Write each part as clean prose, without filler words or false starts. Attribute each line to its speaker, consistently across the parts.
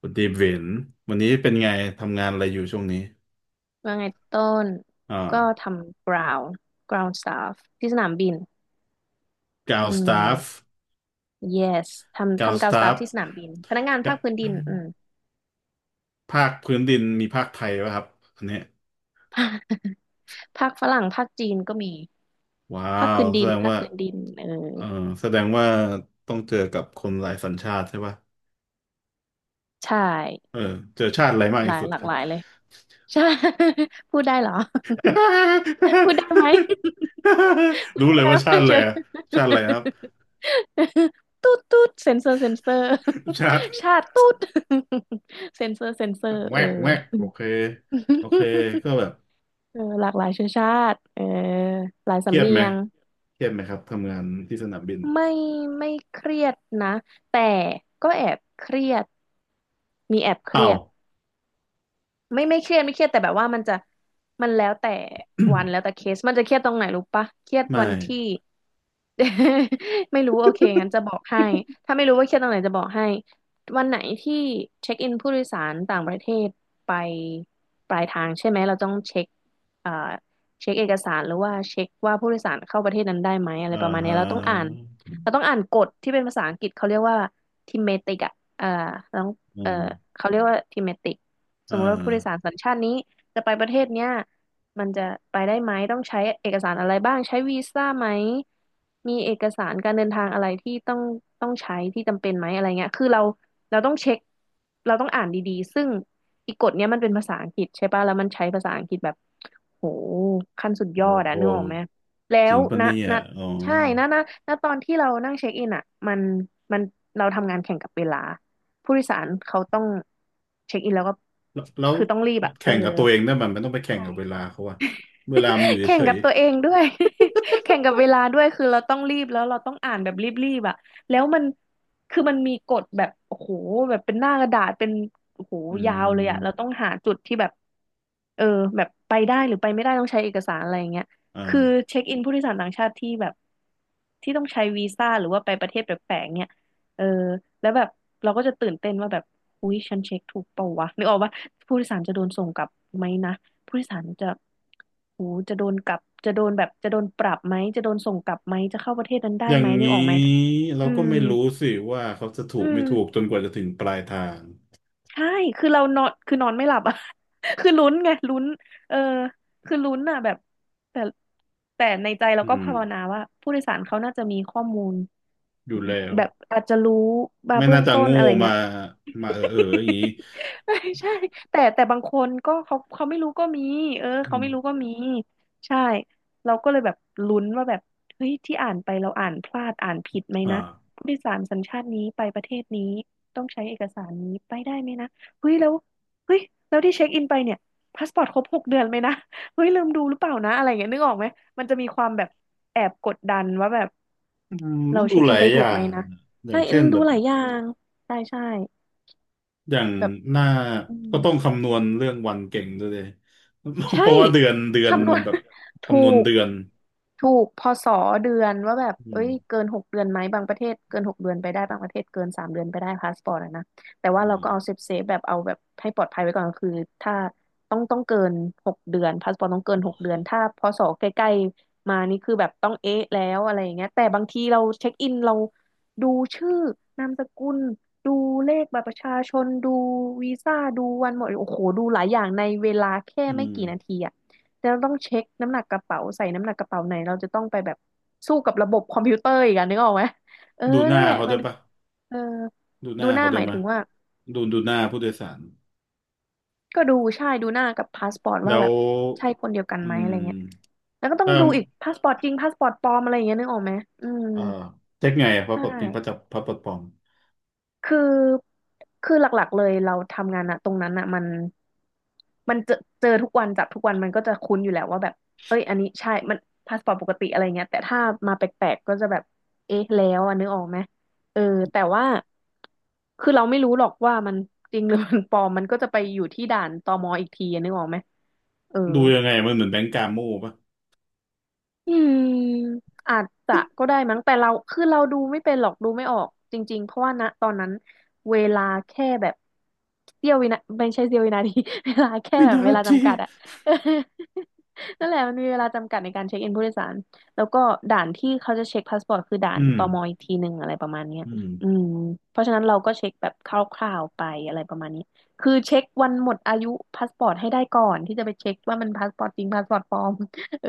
Speaker 1: คุณดีเวนวันนี้เป็นไงทำงานอะไรอยู่ช่วงนี้
Speaker 2: ว่าไงต้น
Speaker 1: อ
Speaker 2: ก็ท
Speaker 1: ่า
Speaker 2: ำ ground staff ที่สนามบิน
Speaker 1: กา
Speaker 2: อื
Speaker 1: วสตาฟ
Speaker 2: ม yes ทำ
Speaker 1: กาว
Speaker 2: ทำ
Speaker 1: ส
Speaker 2: ground
Speaker 1: ตา
Speaker 2: staff
Speaker 1: ฟ
Speaker 2: ที่สนามบินพนักงานภาคพื้นดิน อืม
Speaker 1: ภาคพื้นดินมีภาคไทยป่ะครับอันเนี้ย
Speaker 2: ภาคฝรั่งภาคจีนก็มี
Speaker 1: ว้า
Speaker 2: ภาค
Speaker 1: ว
Speaker 2: พื้น
Speaker 1: แส
Speaker 2: ดิน
Speaker 1: ดง
Speaker 2: ภาค
Speaker 1: ว่า
Speaker 2: พื้นดินเออ
Speaker 1: เออแสดงว่าต้องเจอกับคนหลายสัญชาติใช่ป่ะ
Speaker 2: ใช่
Speaker 1: เออเจอชาติอะไรมาก
Speaker 2: หลา
Speaker 1: ที่
Speaker 2: ย
Speaker 1: สุด
Speaker 2: หลา
Speaker 1: ค
Speaker 2: ก
Speaker 1: รั
Speaker 2: ห
Speaker 1: บ
Speaker 2: ลายเลยใช่ พูดได้เหรอ พูดได้ไหม พู ด
Speaker 1: รู้
Speaker 2: ได้
Speaker 1: เลย
Speaker 2: ไหม
Speaker 1: ว่าชา
Speaker 2: ว่า
Speaker 1: ติอะ
Speaker 2: เจ
Speaker 1: ไร
Speaker 2: อ
Speaker 1: อะชาติอะไรครับ
Speaker 2: ตูดตูดเซนเซอร์เซนเซอร์
Speaker 1: ชาติ
Speaker 2: ชาติตูด เซนเซอร์เซนเซอร์
Speaker 1: แว
Speaker 2: เออ
Speaker 1: กแวกโอเค โอเคก็แบบ
Speaker 2: เออหลากหลายเชื้อชาติเออหลาย
Speaker 1: เครี
Speaker 2: สำ
Speaker 1: ยด
Speaker 2: เนี
Speaker 1: ไหม
Speaker 2: ยง
Speaker 1: เครียดไหมครับทำงานที่สนามบิน
Speaker 2: ไม่ไม่เครียดนะ แต่ก็แอบเครียด มีแอบเค
Speaker 1: อ้า
Speaker 2: รีย
Speaker 1: ว
Speaker 2: ด ไม่เครียดไม่เครียดแต่แบบว่ามันจะมันแล้วแต่วัน แล้วแต่เคสมันจะเครียดตรงไหนรู้ปะเครียด
Speaker 1: ไม่
Speaker 2: วันที่ ไม่รู้โอเคงั้นจะบอกให้ถ้าไม่รู้ว่าเครียดตรงไหนจะบอกให้วันไหนที่เช็คอินผู้โดยสารต่างประเทศไปปลายทางใช่ไหมเราต้องเช็คเอ่อเช็คเอกสารหรือว่าเช็คว่าผู้โดยสารเข้าประเทศนั้นได้ไหมอะไร
Speaker 1: อ่า
Speaker 2: ประมาณ
Speaker 1: ฮ
Speaker 2: เนี้ยเราต้องอ่าน
Speaker 1: ะ
Speaker 2: เราต้องอ่านกฎที่เป็นภาษาอังกฤษเขาเรียกว่าทิเมติกอะเอ่อเราต้อง
Speaker 1: อื
Speaker 2: เอ่อ
Speaker 1: ม
Speaker 2: เขาเรียกว่าทิเมติก ส
Speaker 1: อ่า
Speaker 2: มมติว่าผู้โดยสารสัญชาตินี้จะไปประเทศเนี้ยมันจะไปได้ไหมต้องใช้เอกสารอะไรบ้างใช้วีซ่าไหมมีเอกสารการเดินทางอะไรที่ต้องใช้ที่จำเป็นไหมอะไรเงี้ยคือเราต้องเช็คเราต้องอ่านดีๆซึ่งอีกกฎเนี้ยมันเป็นภาษาอังกฤษใช่ปะแล้วมันใช้ภาษาอังกฤษแบบโหขั้นสุดย
Speaker 1: โอ้
Speaker 2: อด
Speaker 1: โห
Speaker 2: อะนึกออกไหมแล้
Speaker 1: จริ
Speaker 2: ว
Speaker 1: งปะ
Speaker 2: นะ
Speaker 1: เนี่ย
Speaker 2: นะ
Speaker 1: อ๋อ
Speaker 2: ใช่นะนะนะตอนที่เรานั่งเช็คอินอะมันเราทำงานแข่งกับเวลา ผู้โดยสารเขาต้องเช็คอินแล้วก็
Speaker 1: แล้ว
Speaker 2: คือต้องรีบอะเอ
Speaker 1: แข่
Speaker 2: อ
Speaker 1: งกับตัวเองได้มันต้องไปแข่งกับเวลาเขาอะเวลามันอยู่
Speaker 2: แข่
Speaker 1: เฉ
Speaker 2: งกั
Speaker 1: ย
Speaker 2: บตัวเองด้วย แข่งกับเวลาด้วยคือเราต้องรีบแล้วเราต้องอ่านแบบรีบๆอ่ะแล้วมันคือมันมีกฎแบบโอ้โหแบบเป็นหน้ากระดาษเป็นโอ้โห
Speaker 1: ๆอื
Speaker 2: ยาวเลย
Speaker 1: ม
Speaker 2: อ่ะเราต้องหาจุดที่แบบเออแบบไปได้หรือไปไม่ได้ต้องใช้เอกสารอะไรอย่างเงี้ยคือ
Speaker 1: อ่า
Speaker 2: เช็คอินผู้โดยสารต่างชาติที่แบบที่ต้องใช้วีซ่าหรือว่าไปประเทศแปลกๆเนี่ยเออแล้วแบบเราก็จะตื่นเต้นว่าแบบอุ๊ยฉันเช็คถูกเปล่าวะนึกออกว่าผู้โดยสารจะโดนส่งกลับไหมนะ ผู้โดยสารจะโหจะโดนกลับจะโดนแบบจะโดนปรับไหมจะโดนส่งกลับไหมจะเข้าประเทศนั้นได้
Speaker 1: อย่า
Speaker 2: ไห
Speaker 1: ง
Speaker 2: มนึ
Speaker 1: นี้
Speaker 2: กออกไหม
Speaker 1: เรา
Speaker 2: อื
Speaker 1: ก็
Speaker 2: ม
Speaker 1: ไม่รู้สิว่าเขาจะถู
Speaker 2: อื
Speaker 1: กไม่ถูก
Speaker 2: ม
Speaker 1: จนกว่าจะถึงปลายทาง
Speaker 2: ใช่คือเรานอนคือนอนไม่หลับอ่ะ คือลุ้นไงลุ้นเออคือลุ้นอ่ะแบบแต่แต่ในใจเรา
Speaker 1: อื
Speaker 2: ก็
Speaker 1: ม
Speaker 2: ภาวนาว่าผู้โดยสารเขาน่าจะมีข้อมูล
Speaker 1: อยู่แล้ว
Speaker 2: แบบอาจจะรู้มา
Speaker 1: ไม่
Speaker 2: เบื้อ
Speaker 1: น่า
Speaker 2: ง
Speaker 1: จะ
Speaker 2: ต้น
Speaker 1: โง่
Speaker 2: อะไร
Speaker 1: มา
Speaker 2: เงี้ย
Speaker 1: มาอย่างนี้
Speaker 2: ไม่ใช่แต่บางคนก็เขาไม่รู้ก็มีเออ
Speaker 1: อื
Speaker 2: เขาไม่รู้ก็
Speaker 1: ม
Speaker 2: มีใช่เราก็เลยแบบลุ้นว่าแบบเฮ้ยที่อ่านไปเราอ่านพลาดอ่านผิดไหม
Speaker 1: อ่า
Speaker 2: นะผู้โดยสารสัญชาตินี้ไปประเทศนี้ต้องใช้เอกสารนี้ไปได้ไหมนะเฮ้ยแล้วเฮ้ยแล้วที่เช็คอินไปเนี่ยพาสปอร์ตครบหกเดือนไหมนะเฮ้ยลืมดูหรือเปล่านะอะไรเงี้ยนึกออกไหมมันจะมีความแบบแอบกดดันว่าแบบ
Speaker 1: อืม
Speaker 2: เรา
Speaker 1: ต้องดู
Speaker 2: เช็ค
Speaker 1: ห
Speaker 2: อิ
Speaker 1: ลา
Speaker 2: น
Speaker 1: ย
Speaker 2: ไป
Speaker 1: อ
Speaker 2: ถูก
Speaker 1: ย่า
Speaker 2: ไหม
Speaker 1: ง
Speaker 2: นะ
Speaker 1: อย่า
Speaker 2: ใช่
Speaker 1: งเช่
Speaker 2: ลื
Speaker 1: น
Speaker 2: ม
Speaker 1: แบ
Speaker 2: ดู
Speaker 1: บ
Speaker 2: หลายอย่างใช่ใช่
Speaker 1: อย่าง
Speaker 2: แบบ
Speaker 1: หน้า
Speaker 2: อืม
Speaker 1: ก็ต้องคำนวณเรื่องวันเก่งด้วยเลย
Speaker 2: ใช่
Speaker 1: เพราะว่าเดือน
Speaker 2: คำน
Speaker 1: มั
Speaker 2: ว
Speaker 1: น
Speaker 2: ณ
Speaker 1: แบบ
Speaker 2: ถู
Speaker 1: คำนวณ
Speaker 2: ก
Speaker 1: เดือน
Speaker 2: ถูกพศเดือนว่าแบบ
Speaker 1: อื
Speaker 2: เอ้
Speaker 1: ม
Speaker 2: ยเกินหกเดือนไหม บางประเทศเกิน6 เดือนไปได้บางประเทศเกิน3 เดือนไปได้พาสปอร์ตอะนะแต่ว่า
Speaker 1: อ่
Speaker 2: เราก็เอาเซ
Speaker 1: า
Speaker 2: ฟเซฟแบบเอาแบบให้ปลอดภัยไว้ก่อนก็คือถ้าต้องเกินหกเดือนพาสปอร์ตต้องเกิน
Speaker 1: โอ
Speaker 2: หกเดื
Speaker 1: เค
Speaker 2: อนถ้าพศใกล้ๆมานี่คือแบบต้องเอ๊ะแล้วอะไรอย่างเงี้ยแต่บางทีเราเช็คอินเราดูชื่อนามสกุลดูเลขบัตรประชาชนดูวีซ่าดูวันหมดโอ้โหดูหลายอย่างในเวลาแค่
Speaker 1: อื
Speaker 2: ไม่
Speaker 1: ม
Speaker 2: กี่นาทีอะ แล้วต้องเช็คน้ำหนักกระเป๋าใส่น้ำหนักกระเป๋าไหนเราจะต้องไปแบบสู้กับระบบคอมพิวเตอร์อีกอะนึกออกไหมเออ
Speaker 1: ดูหน้า
Speaker 2: นั่นแหละ
Speaker 1: เขาได้
Speaker 2: มั
Speaker 1: ว
Speaker 2: น
Speaker 1: ยปะ
Speaker 2: เออ
Speaker 1: ดูห
Speaker 2: ดู
Speaker 1: น้า
Speaker 2: หน้า
Speaker 1: เขาได้
Speaker 2: ห
Speaker 1: วย
Speaker 2: มาย
Speaker 1: ไหม
Speaker 2: ถึ
Speaker 1: ย
Speaker 2: งว่า
Speaker 1: ดูหน้าผู้โดยสาร
Speaker 2: ก็ดูใช่ดูหน้ากับพาสปอร์ตว่า
Speaker 1: แล้
Speaker 2: แบ
Speaker 1: ว
Speaker 2: บใช่คนเดียวกัน
Speaker 1: อื
Speaker 2: ไหมอะไรเงี้ย
Speaker 1: ม
Speaker 2: แล้วก็ต้อง
Speaker 1: ถ้า
Speaker 2: ดูอีกพาสปอร์ตจริงพาสปอร์ตปลอมอะไรอย่างเงี้ยนึกออกไหมอืม
Speaker 1: เอ่อเช็คไงอะพ
Speaker 2: ใช
Speaker 1: ระปลดนี้พระจั
Speaker 2: ่
Speaker 1: บพระปลดปลอม
Speaker 2: คือคือหลักๆเลยเราทำงานอะตรงนั้นอะมันเจอทุกวันจับทุกวันมันก็จะคุ้นอยู่แล้วว่าแบบเอ้ยอันนี้ใช่มันพาสปอร์ตปกติอะไรเงี้ยแต่ถ้ามาแปลกๆก็จะแบบเอ๊ะแล้วอ่ะนึกออกไหมเออแต่ว่าคือเราไม่รู้หรอกว่ามันจริงหรือมันปลอมมันก็จะไปอยู่ที่ด่านตมอีกทีอะนึกออกไหมเออ
Speaker 1: ดูยังไงมันเหมือนแบงก์กาโม่ปะ
Speaker 2: อืมอาจจะก็ได้มั้งแต่เราคือเราดูไม่เป็นหรอกดูไม่ออกจริงๆเพราะว่าณตอนนั้นเวลาแค่แบบเสี้ยววินาที เวลาแค่
Speaker 1: วิ
Speaker 2: แบบ
Speaker 1: นา
Speaker 2: เวลา
Speaker 1: ที
Speaker 2: จำกัดอะ นั่นแหละมันมีเวลาจำกัดในการเช็คอินผู้โดยสารแล้วก็ด่านที่เขาจะเช็คพาสปอร์ตคือด่า
Speaker 1: อื
Speaker 2: น
Speaker 1: ม
Speaker 2: ตมอีกทีหนึ่งอะไรประมาณเนี้ย
Speaker 1: อื
Speaker 2: อื
Speaker 1: ม
Speaker 2: มเพราะฉะนั้นเราก็เช็คแบบคร่าวๆไปอะไรประมาณนี้คือเช็ควันหมดอายุพาสปอร์ตให้ได้ก่อนที่จะไปเช็คว่ามันพาสปอร์ตจริงพาสปอร์ตปลอม เออ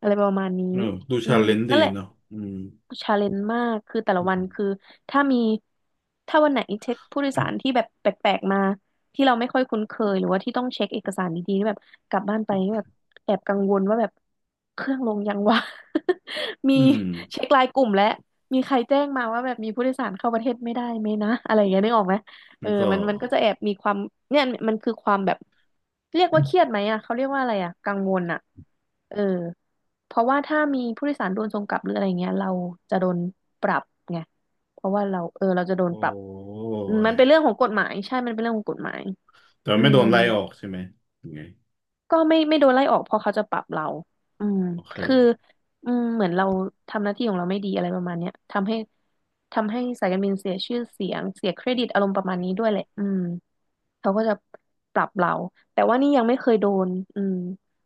Speaker 2: อะไรประมาณนี้
Speaker 1: เออดู
Speaker 2: อื
Speaker 1: ชา
Speaker 2: ม
Speaker 1: เลนจ์ดี
Speaker 2: นั่นแหละ
Speaker 1: เนาะอืม
Speaker 2: ชาเลนจ์มากคือแต่ละ
Speaker 1: อื
Speaker 2: วั
Speaker 1: ม
Speaker 2: นคือถ้ามีถ้าวันไหนเช็คผู้โดยสารที่แบบแปลกๆมา ที่เราไม่ค่อยคุ้นเคย หรือว่าที่ต้องเช็คเอกสารดีๆนี่แบบกลับบ้านไปนี่แบบแอบกังวลว่าแบบเครื่องลงยังวะ มี
Speaker 1: อืม
Speaker 2: เช็คไลน์กลุ่มและมีใครแจ้งมาว่าแบบมีผู้โดยสารเข้าประเทศไม่ได้ไหมนะ อะไรอย่างเงี้ยนึกออกไหมเอ
Speaker 1: แล้
Speaker 2: อ
Speaker 1: วก็
Speaker 2: มันก็จะแอบมีความเนี่ยมันคือความแบบ เรียกว่าเครียดไหมอ่ะเขาเรียกว่าอะไรอ่ะกังวลอ่ะเออเพราะว่าถ้ามีผู้โดยสารโดนส่งกลับหรืออะไรเงี้ยเราจะโดนปรับไงเพราะว่าเราเราจะโด
Speaker 1: โอ
Speaker 2: นปรับ
Speaker 1: ้
Speaker 2: มันเป็นเรื่อ
Speaker 1: ย
Speaker 2: งของกฎหมายใช่มันเป็นเรื่องของกฎหมาย
Speaker 1: แต่
Speaker 2: อื
Speaker 1: ไม่โด
Speaker 2: ม
Speaker 1: นไล่ออกใช่ไหมยังไง
Speaker 2: ก็ไม่โดนไล่ออกเพราะเขาจะปรับเราอืม
Speaker 1: โอเค
Speaker 2: คืออืมเหมือนเราทำหน้าที่ของเราไม่ดีอะไรประมาณเนี้ยทำให้สายการบินเสียชื่อเสียงเสียเครดิตอารมณ์ประมาณนี้ด้วยแหละอืม เขาก็จะปรับเราแต่ว่านี่ยังไม่เคยโดนอืม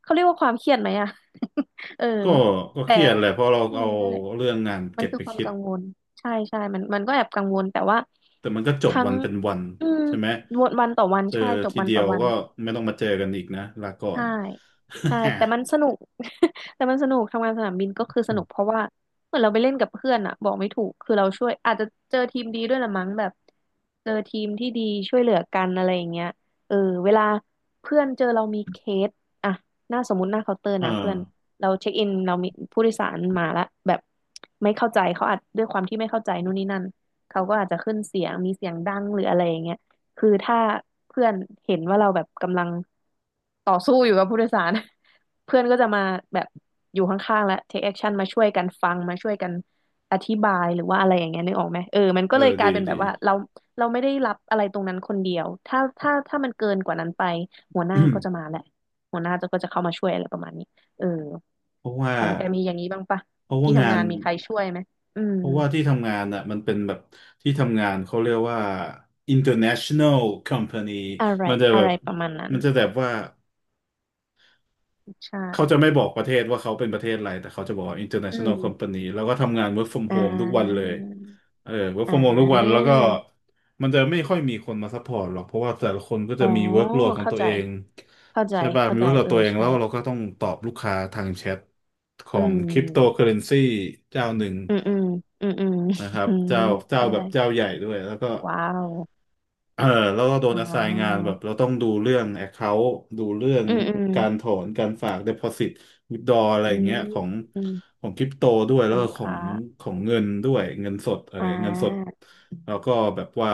Speaker 2: เขาเรียกว่าความเครียดไหมอะ เออ
Speaker 1: ก็ก็เค
Speaker 2: แต่
Speaker 1: รียดแหละเพราะเรา
Speaker 2: เออ
Speaker 1: เอา
Speaker 2: นั่นแหละ
Speaker 1: เรื่องงาน
Speaker 2: มัน
Speaker 1: เก็บ
Speaker 2: คือ
Speaker 1: ไป
Speaker 2: ความ
Speaker 1: คิด
Speaker 2: กังวล ใช่ใช่มันก็แอบกังวล แต่ว่า
Speaker 1: แต่มันก็จบ
Speaker 2: ทั้
Speaker 1: วั
Speaker 2: ง
Speaker 1: นเป็นวัน
Speaker 2: อืม
Speaker 1: ใช่ไหม
Speaker 2: วนวันต่อวัน
Speaker 1: เจอ
Speaker 2: ใช่จบ
Speaker 1: ที
Speaker 2: วัน
Speaker 1: เดีย
Speaker 2: ต่อ
Speaker 1: ว
Speaker 2: วัน
Speaker 1: ก็ไม่ต้องมาเจอกันอีกนะลาก่อ
Speaker 2: ใช่
Speaker 1: น
Speaker 2: ใช่แต่มันสนุก แต่มันสนุกทำงานสนามบินก็คือสนุกเพราะ ว่าเหมือนเราไปเล่นกับเพื่อนอะบอกไม่ถูกคือเราช่วยอาจจะเจอทีมดีด้วยละมั้งแบบเจอทีมที่ดีช่วยเหลือกันอะไรอย่างเงี้ยเออเวลาเพื่อนเจอเรามีเคสอะหน้าสมมุติหน้าเคาน์เตอร์
Speaker 1: เออ
Speaker 2: นะเพื่อนเราเช็คอินเรามีผู้โดยสารมาละแบบไม่เข้าใจเขาอาจด้วยความที่ไม่เข้าใจนู่นนี่นั่นเขาก็อาจจะขึ้นเสียงมีเสียงดังหรืออะไรอย่างเงี้ย คือถ้าเพื่อนเห็นว่าเราแบบกำลังต่อสู้อยู่กับผู้โดยสาร เพื่อนก็จะมาแบบอยู่ข้างๆและ take action มาช่วยกันฟังมาช่วยกันอธิบายหรือว่าอะไรอย่างเงี้ยนึกออกไหมเออมัน
Speaker 1: เอ
Speaker 2: ก็
Speaker 1: อ
Speaker 2: เลยก
Speaker 1: ดี
Speaker 2: ลายเป็นแบ
Speaker 1: ดี
Speaker 2: บว่าเราไม่ได้รับอะไรตรงนั้นคนเดียวถ้ามันเกินกว่านั้นไป หัวหน้าก็จะมา แหละหัวหน้าก็จะเข้ามาช่วยอะไรประมาณนี้เออ
Speaker 1: เพราะว่า
Speaker 2: ของแกมีอย่างนี้บ้างปะ
Speaker 1: เพราะ
Speaker 2: ที่
Speaker 1: ว่างา
Speaker 2: ทำ
Speaker 1: น
Speaker 2: งานมีใครช่วยไหมอืม
Speaker 1: เพราะว่าที่ทำงานอ่ะมันเป็นแบบที่ทำงานเขาเรียกว่า international company
Speaker 2: อะไร
Speaker 1: มันจะแบ
Speaker 2: อะไร
Speaker 1: บ
Speaker 2: ประมาณนั้น
Speaker 1: มันจะแบบว่า
Speaker 2: ใช่
Speaker 1: เขาจะไม่บอกประเทศว่าเขาเป็นประเทศอะไรแต่เขาจะบอกว่า
Speaker 2: อื
Speaker 1: international
Speaker 2: ม
Speaker 1: company แล้วก็ทำงาน work from
Speaker 2: อ่า
Speaker 1: home ทุกวันเลยเออ work
Speaker 2: อ่
Speaker 1: from home ทุกวัน
Speaker 2: า
Speaker 1: แล้วก็มันจะไม่ค่อยมีคนมาซัพพอร์ตหรอกเพราะว่าแต่ละคนก็
Speaker 2: อ๋
Speaker 1: จะ
Speaker 2: อ
Speaker 1: มี workload ของ
Speaker 2: เข้า
Speaker 1: ตัว
Speaker 2: ใจ
Speaker 1: เอง
Speaker 2: เข้าใจ
Speaker 1: ใช่ป่ะ
Speaker 2: เข้า
Speaker 1: มี
Speaker 2: ใจ
Speaker 1: workload
Speaker 2: เออ
Speaker 1: ตัวเองแล้
Speaker 2: ใช่
Speaker 1: วเราก็ต้องตอบลูกค้าทางแชทขอ
Speaker 2: อื
Speaker 1: ง
Speaker 2: ม
Speaker 1: cryptocurrency เจ้าหนึ่ง
Speaker 2: อืม อืม อืมอืม
Speaker 1: นะค รับ
Speaker 2: อืม
Speaker 1: เจ้าเจ้า
Speaker 2: เข้า
Speaker 1: แบ
Speaker 2: ใจ
Speaker 1: บเจ้าใหญ่ด้วยแล้วก็
Speaker 2: ว้าว
Speaker 1: เออแล้วก็โดน
Speaker 2: อ่
Speaker 1: assign งาน
Speaker 2: า
Speaker 1: แบบเราต้องดูเรื่อง account ดูเรื่อง
Speaker 2: อืมอืม
Speaker 1: การถอนการฝาก deposit withdraw อะไร
Speaker 2: อื
Speaker 1: อย่าง
Speaker 2: ม
Speaker 1: เงี้ยของ
Speaker 2: อืม
Speaker 1: ของคริปโตด้วย
Speaker 2: ข
Speaker 1: แล้
Speaker 2: อ
Speaker 1: ว
Speaker 2: ง
Speaker 1: ก็
Speaker 2: ลูก
Speaker 1: ของ
Speaker 2: ค้า
Speaker 1: ของเงินด้วยเงินสดอะไร
Speaker 2: อ่
Speaker 1: เงินสด
Speaker 2: า
Speaker 1: แล้วก็แบบว่า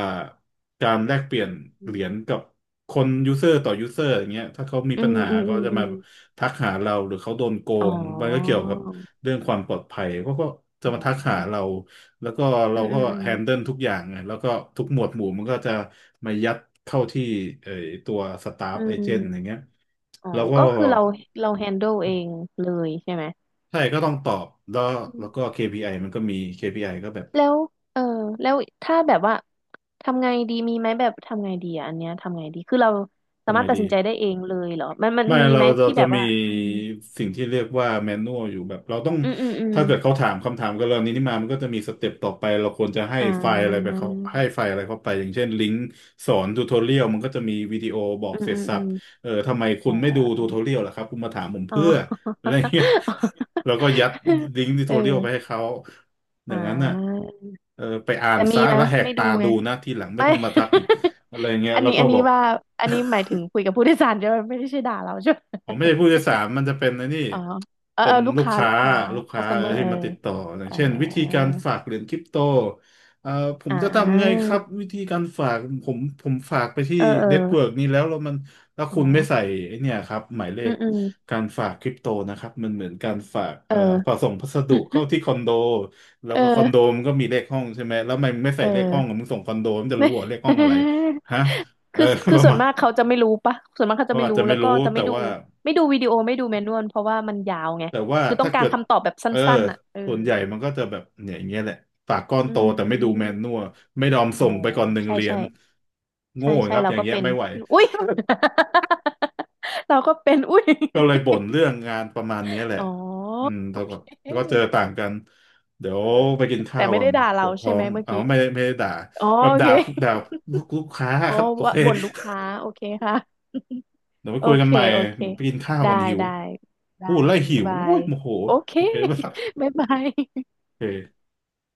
Speaker 1: การแลกเปลี่ยนเหรียญกับ คนยูเซอร์ต่อยูเซอร์อย่างเงี้ยถ้าเขามี
Speaker 2: อื
Speaker 1: ปัญ
Speaker 2: ม
Speaker 1: หา
Speaker 2: อืม
Speaker 1: ก็
Speaker 2: อืม
Speaker 1: จะ
Speaker 2: อื
Speaker 1: มา
Speaker 2: ม
Speaker 1: ทักหาเราหรือเขาโดนโก
Speaker 2: อ๋อ
Speaker 1: งมันก็เกี่ยวกับเรื่องความปลอดภัยเขาก็จะ
Speaker 2: อ๋
Speaker 1: มาทักหาเรา
Speaker 2: อ
Speaker 1: แล้วก็
Speaker 2: อื
Speaker 1: เรา
Speaker 2: มอื
Speaker 1: ก็
Speaker 2: ม
Speaker 1: แฮนเดิลทุกอย่างไงแล้วก็ทุกหมวดหมู่มันก็จะมายัดเข้าที่เอ่อตัวสตาฟ
Speaker 2: อื
Speaker 1: เอ
Speaker 2: มอื
Speaker 1: เจ
Speaker 2: ม
Speaker 1: นต์อย่างเงี้ย
Speaker 2: อ๋อ
Speaker 1: แล้วก็
Speaker 2: ก็คือเราแฮนเดิลเองเลยใช่ไหม
Speaker 1: ใช่ก็ต้องตอบแล้วแล้วก็ KPI มันก็มี KPI ก็แบบ
Speaker 2: แล้วเออแล้วถ้าแบบว่าทำไงดีมีไหมแบบทำไงดีอ่ะอันเนี้ยทำไงดีคือเราสา
Speaker 1: ทำ
Speaker 2: มา
Speaker 1: ไง
Speaker 2: รถตัด
Speaker 1: ดี
Speaker 2: สินใจได้เองเลยเหรอมัน
Speaker 1: ไม่
Speaker 2: มี
Speaker 1: เรา
Speaker 2: ไหม
Speaker 1: เรา
Speaker 2: ที่
Speaker 1: จะ
Speaker 2: แบบ
Speaker 1: มี
Speaker 2: ว่าอืม
Speaker 1: สิ่งที่เรียกว่าแมนนวลอยู่แบบเราต้อง
Speaker 2: อืมอืมอืม
Speaker 1: ถ้าเกิดเขาถามคำถามกับเรานี้นี่มามันก็จะมีสเต็ปต่อไปเราควรจะให้
Speaker 2: อ่
Speaker 1: ไฟล์อะไรไป
Speaker 2: า
Speaker 1: เขาให้ไฟล์อะไรเข้าไปอย่างเช่นลิงก์สอนทูทอเรียลมันก็จะมีวิดีโอบอก
Speaker 2: อืม
Speaker 1: เสร็
Speaker 2: อื
Speaker 1: จ
Speaker 2: ม
Speaker 1: สั
Speaker 2: อื
Speaker 1: บ
Speaker 2: ม
Speaker 1: เออทำไมคุ
Speaker 2: อ๋อ
Speaker 1: ณไม่ดูทูทอเรียลล่ะครับคุณมาถามผม
Speaker 2: อ๋
Speaker 1: เพื่ออะ
Speaker 2: อ
Speaker 1: ไรเงี้ย แล้วก็ยัดลิงก์ ทูท
Speaker 2: เอ
Speaker 1: อเรียลไปให้
Speaker 2: อ
Speaker 1: เขาอย่าง
Speaker 2: อ่า
Speaker 1: นั้นน่ะเออไปอ่าน
Speaker 2: แต่มี
Speaker 1: ซะ
Speaker 2: นะ
Speaker 1: แล้วแหก
Speaker 2: ไม่ดู
Speaker 1: ตา
Speaker 2: ไง
Speaker 1: ดูนะทีหลังไม่
Speaker 2: ไม่
Speaker 1: ต้อ งมาทักอีกอะไรเงี้ยแล้วก็
Speaker 2: อัน
Speaker 1: บ
Speaker 2: นี้
Speaker 1: อก
Speaker 2: ว่าอันนี้หมายถึงคุยกับผู้โดยสารใช่ไหมไม่ได้ใช่ด่าเราใช่ไหม
Speaker 1: ผมไม่ใช่ผู้โดยสารมันจะเป็นในนี่
Speaker 2: อ๋อเออ
Speaker 1: เป็
Speaker 2: เอ
Speaker 1: น
Speaker 2: อลูก
Speaker 1: ลูก
Speaker 2: ค้า
Speaker 1: ค้า
Speaker 2: ลูกค้า
Speaker 1: ลูกค้าเออ
Speaker 2: customer
Speaker 1: ที่
Speaker 2: เออ
Speaker 1: มาติดต่ออย่า
Speaker 2: เอ
Speaker 1: ง
Speaker 2: อ
Speaker 1: เช่นวิธีการฝากเหรียญคริปโตเอ่อผม
Speaker 2: อ่
Speaker 1: จะทำไง
Speaker 2: า
Speaker 1: ครับวิธีการฝากผมฝากไปที่
Speaker 2: เออเออ
Speaker 1: เน็ตเวิร์กนี้แล้วแล้ว
Speaker 2: อ๋อ
Speaker 1: คุณไม่ใส่ไอ้เนี่ยครับหมายเล
Speaker 2: อื
Speaker 1: ข
Speaker 2: มอืม
Speaker 1: การฝากคริปโตนะครับมันเหมือนการฝาก
Speaker 2: เ
Speaker 1: ฝาก
Speaker 2: ออ
Speaker 1: ส่งพัสดุเข้าที่คอนโดแล้ว
Speaker 2: เอ
Speaker 1: ก็คอนโด
Speaker 2: อ
Speaker 1: มันก็มีเลขห้องใช่ไหมแล้วทำไมมึงไม่ใส่
Speaker 2: เออ
Speaker 1: เลขห้องอะมึงส่งคอนโดมันจะ
Speaker 2: ไน่
Speaker 1: รู้เหรอ
Speaker 2: ย
Speaker 1: เลขห้องอะไรฮะเออ
Speaker 2: คือ คื
Speaker 1: ป
Speaker 2: อ
Speaker 1: ระ
Speaker 2: ส่ว
Speaker 1: มา
Speaker 2: น
Speaker 1: ณ
Speaker 2: มากเขาจะไม่รู้ปะส่วนมากเขาจะ
Speaker 1: เขา
Speaker 2: ไม่
Speaker 1: อาจ
Speaker 2: รู้
Speaker 1: จะไม่
Speaker 2: แล้วก็
Speaker 1: รู้
Speaker 2: จะ
Speaker 1: แต่
Speaker 2: ไม่ดู
Speaker 1: ว่า
Speaker 2: ไม่ดูวิดีโอไม่ดูแมนนวลเพราะว่ามันยาวไง
Speaker 1: แต่ว่า
Speaker 2: คือต้อ
Speaker 1: ถ้า
Speaker 2: งกา
Speaker 1: เกิ
Speaker 2: ร
Speaker 1: ด
Speaker 2: คำตอบแบบสั
Speaker 1: เออ
Speaker 2: ้นๆอ่ะเออ
Speaker 1: ส่วนใหญ่มันก็จะแบบเนี่ยอย่างเงี้ยแหละปากก้อน
Speaker 2: อื
Speaker 1: โตแต่ไม่ดูแมนนัว
Speaker 2: ม
Speaker 1: ไม่ยอม
Speaker 2: อ๋อ
Speaker 1: ส่งไปก่อนหนึ่ง
Speaker 2: ใช่
Speaker 1: เหรีย
Speaker 2: ใช่
Speaker 1: ญโง่
Speaker 2: ใช่ใช่
Speaker 1: ครับ
Speaker 2: เรา
Speaker 1: อย่าง
Speaker 2: ก็
Speaker 1: เงี้ย
Speaker 2: เป็น
Speaker 1: ไม่ไหว
Speaker 2: อุ้ย เราก็เป็นอุ้ย
Speaker 1: ก็เลยบ่นเรื่องงานประมาณเนี้ยแหละ
Speaker 2: อ๋อ
Speaker 1: อืม
Speaker 2: โอ
Speaker 1: เท่า
Speaker 2: เ
Speaker 1: กับแล้วก็เจอ
Speaker 2: ค
Speaker 1: ต่างกันเดี๋ยว
Speaker 2: เออ
Speaker 1: ไปกิน
Speaker 2: แต่
Speaker 1: ข้าวก
Speaker 2: ไม่
Speaker 1: อ
Speaker 2: ได้
Speaker 1: น
Speaker 2: ด่า
Speaker 1: ป
Speaker 2: เรา
Speaker 1: วดท้
Speaker 2: ใช่
Speaker 1: อ
Speaker 2: ไหม
Speaker 1: ง
Speaker 2: เมื่อ
Speaker 1: เอา
Speaker 2: กี้
Speaker 1: ไม่ได้ไม่ได้ด่า
Speaker 2: อ๋อ
Speaker 1: แบบ
Speaker 2: โอเค
Speaker 1: ด่าด่า ลูกค้า
Speaker 2: อ๋อ
Speaker 1: ครับโอ
Speaker 2: ว่า
Speaker 1: เค
Speaker 2: บ่นลูกค้า โอเคค่ะ
Speaker 1: เดี๋ยวไป
Speaker 2: โอ
Speaker 1: คุยกั
Speaker 2: เค
Speaker 1: นใหม่
Speaker 2: โอเค
Speaker 1: เดี๋ยวไปกินข้าว
Speaker 2: ได้
Speaker 1: ก่อนหิว
Speaker 2: ได้ได้
Speaker 1: พูดแล้ว
Speaker 2: บ๊า
Speaker 1: หิ
Speaker 2: ย
Speaker 1: ว
Speaker 2: บา
Speaker 1: โอ้
Speaker 2: ย
Speaker 1: ยโมโห
Speaker 2: โอเค
Speaker 1: โอเค ป่ะ
Speaker 2: บ๊ายบาย
Speaker 1: โอเค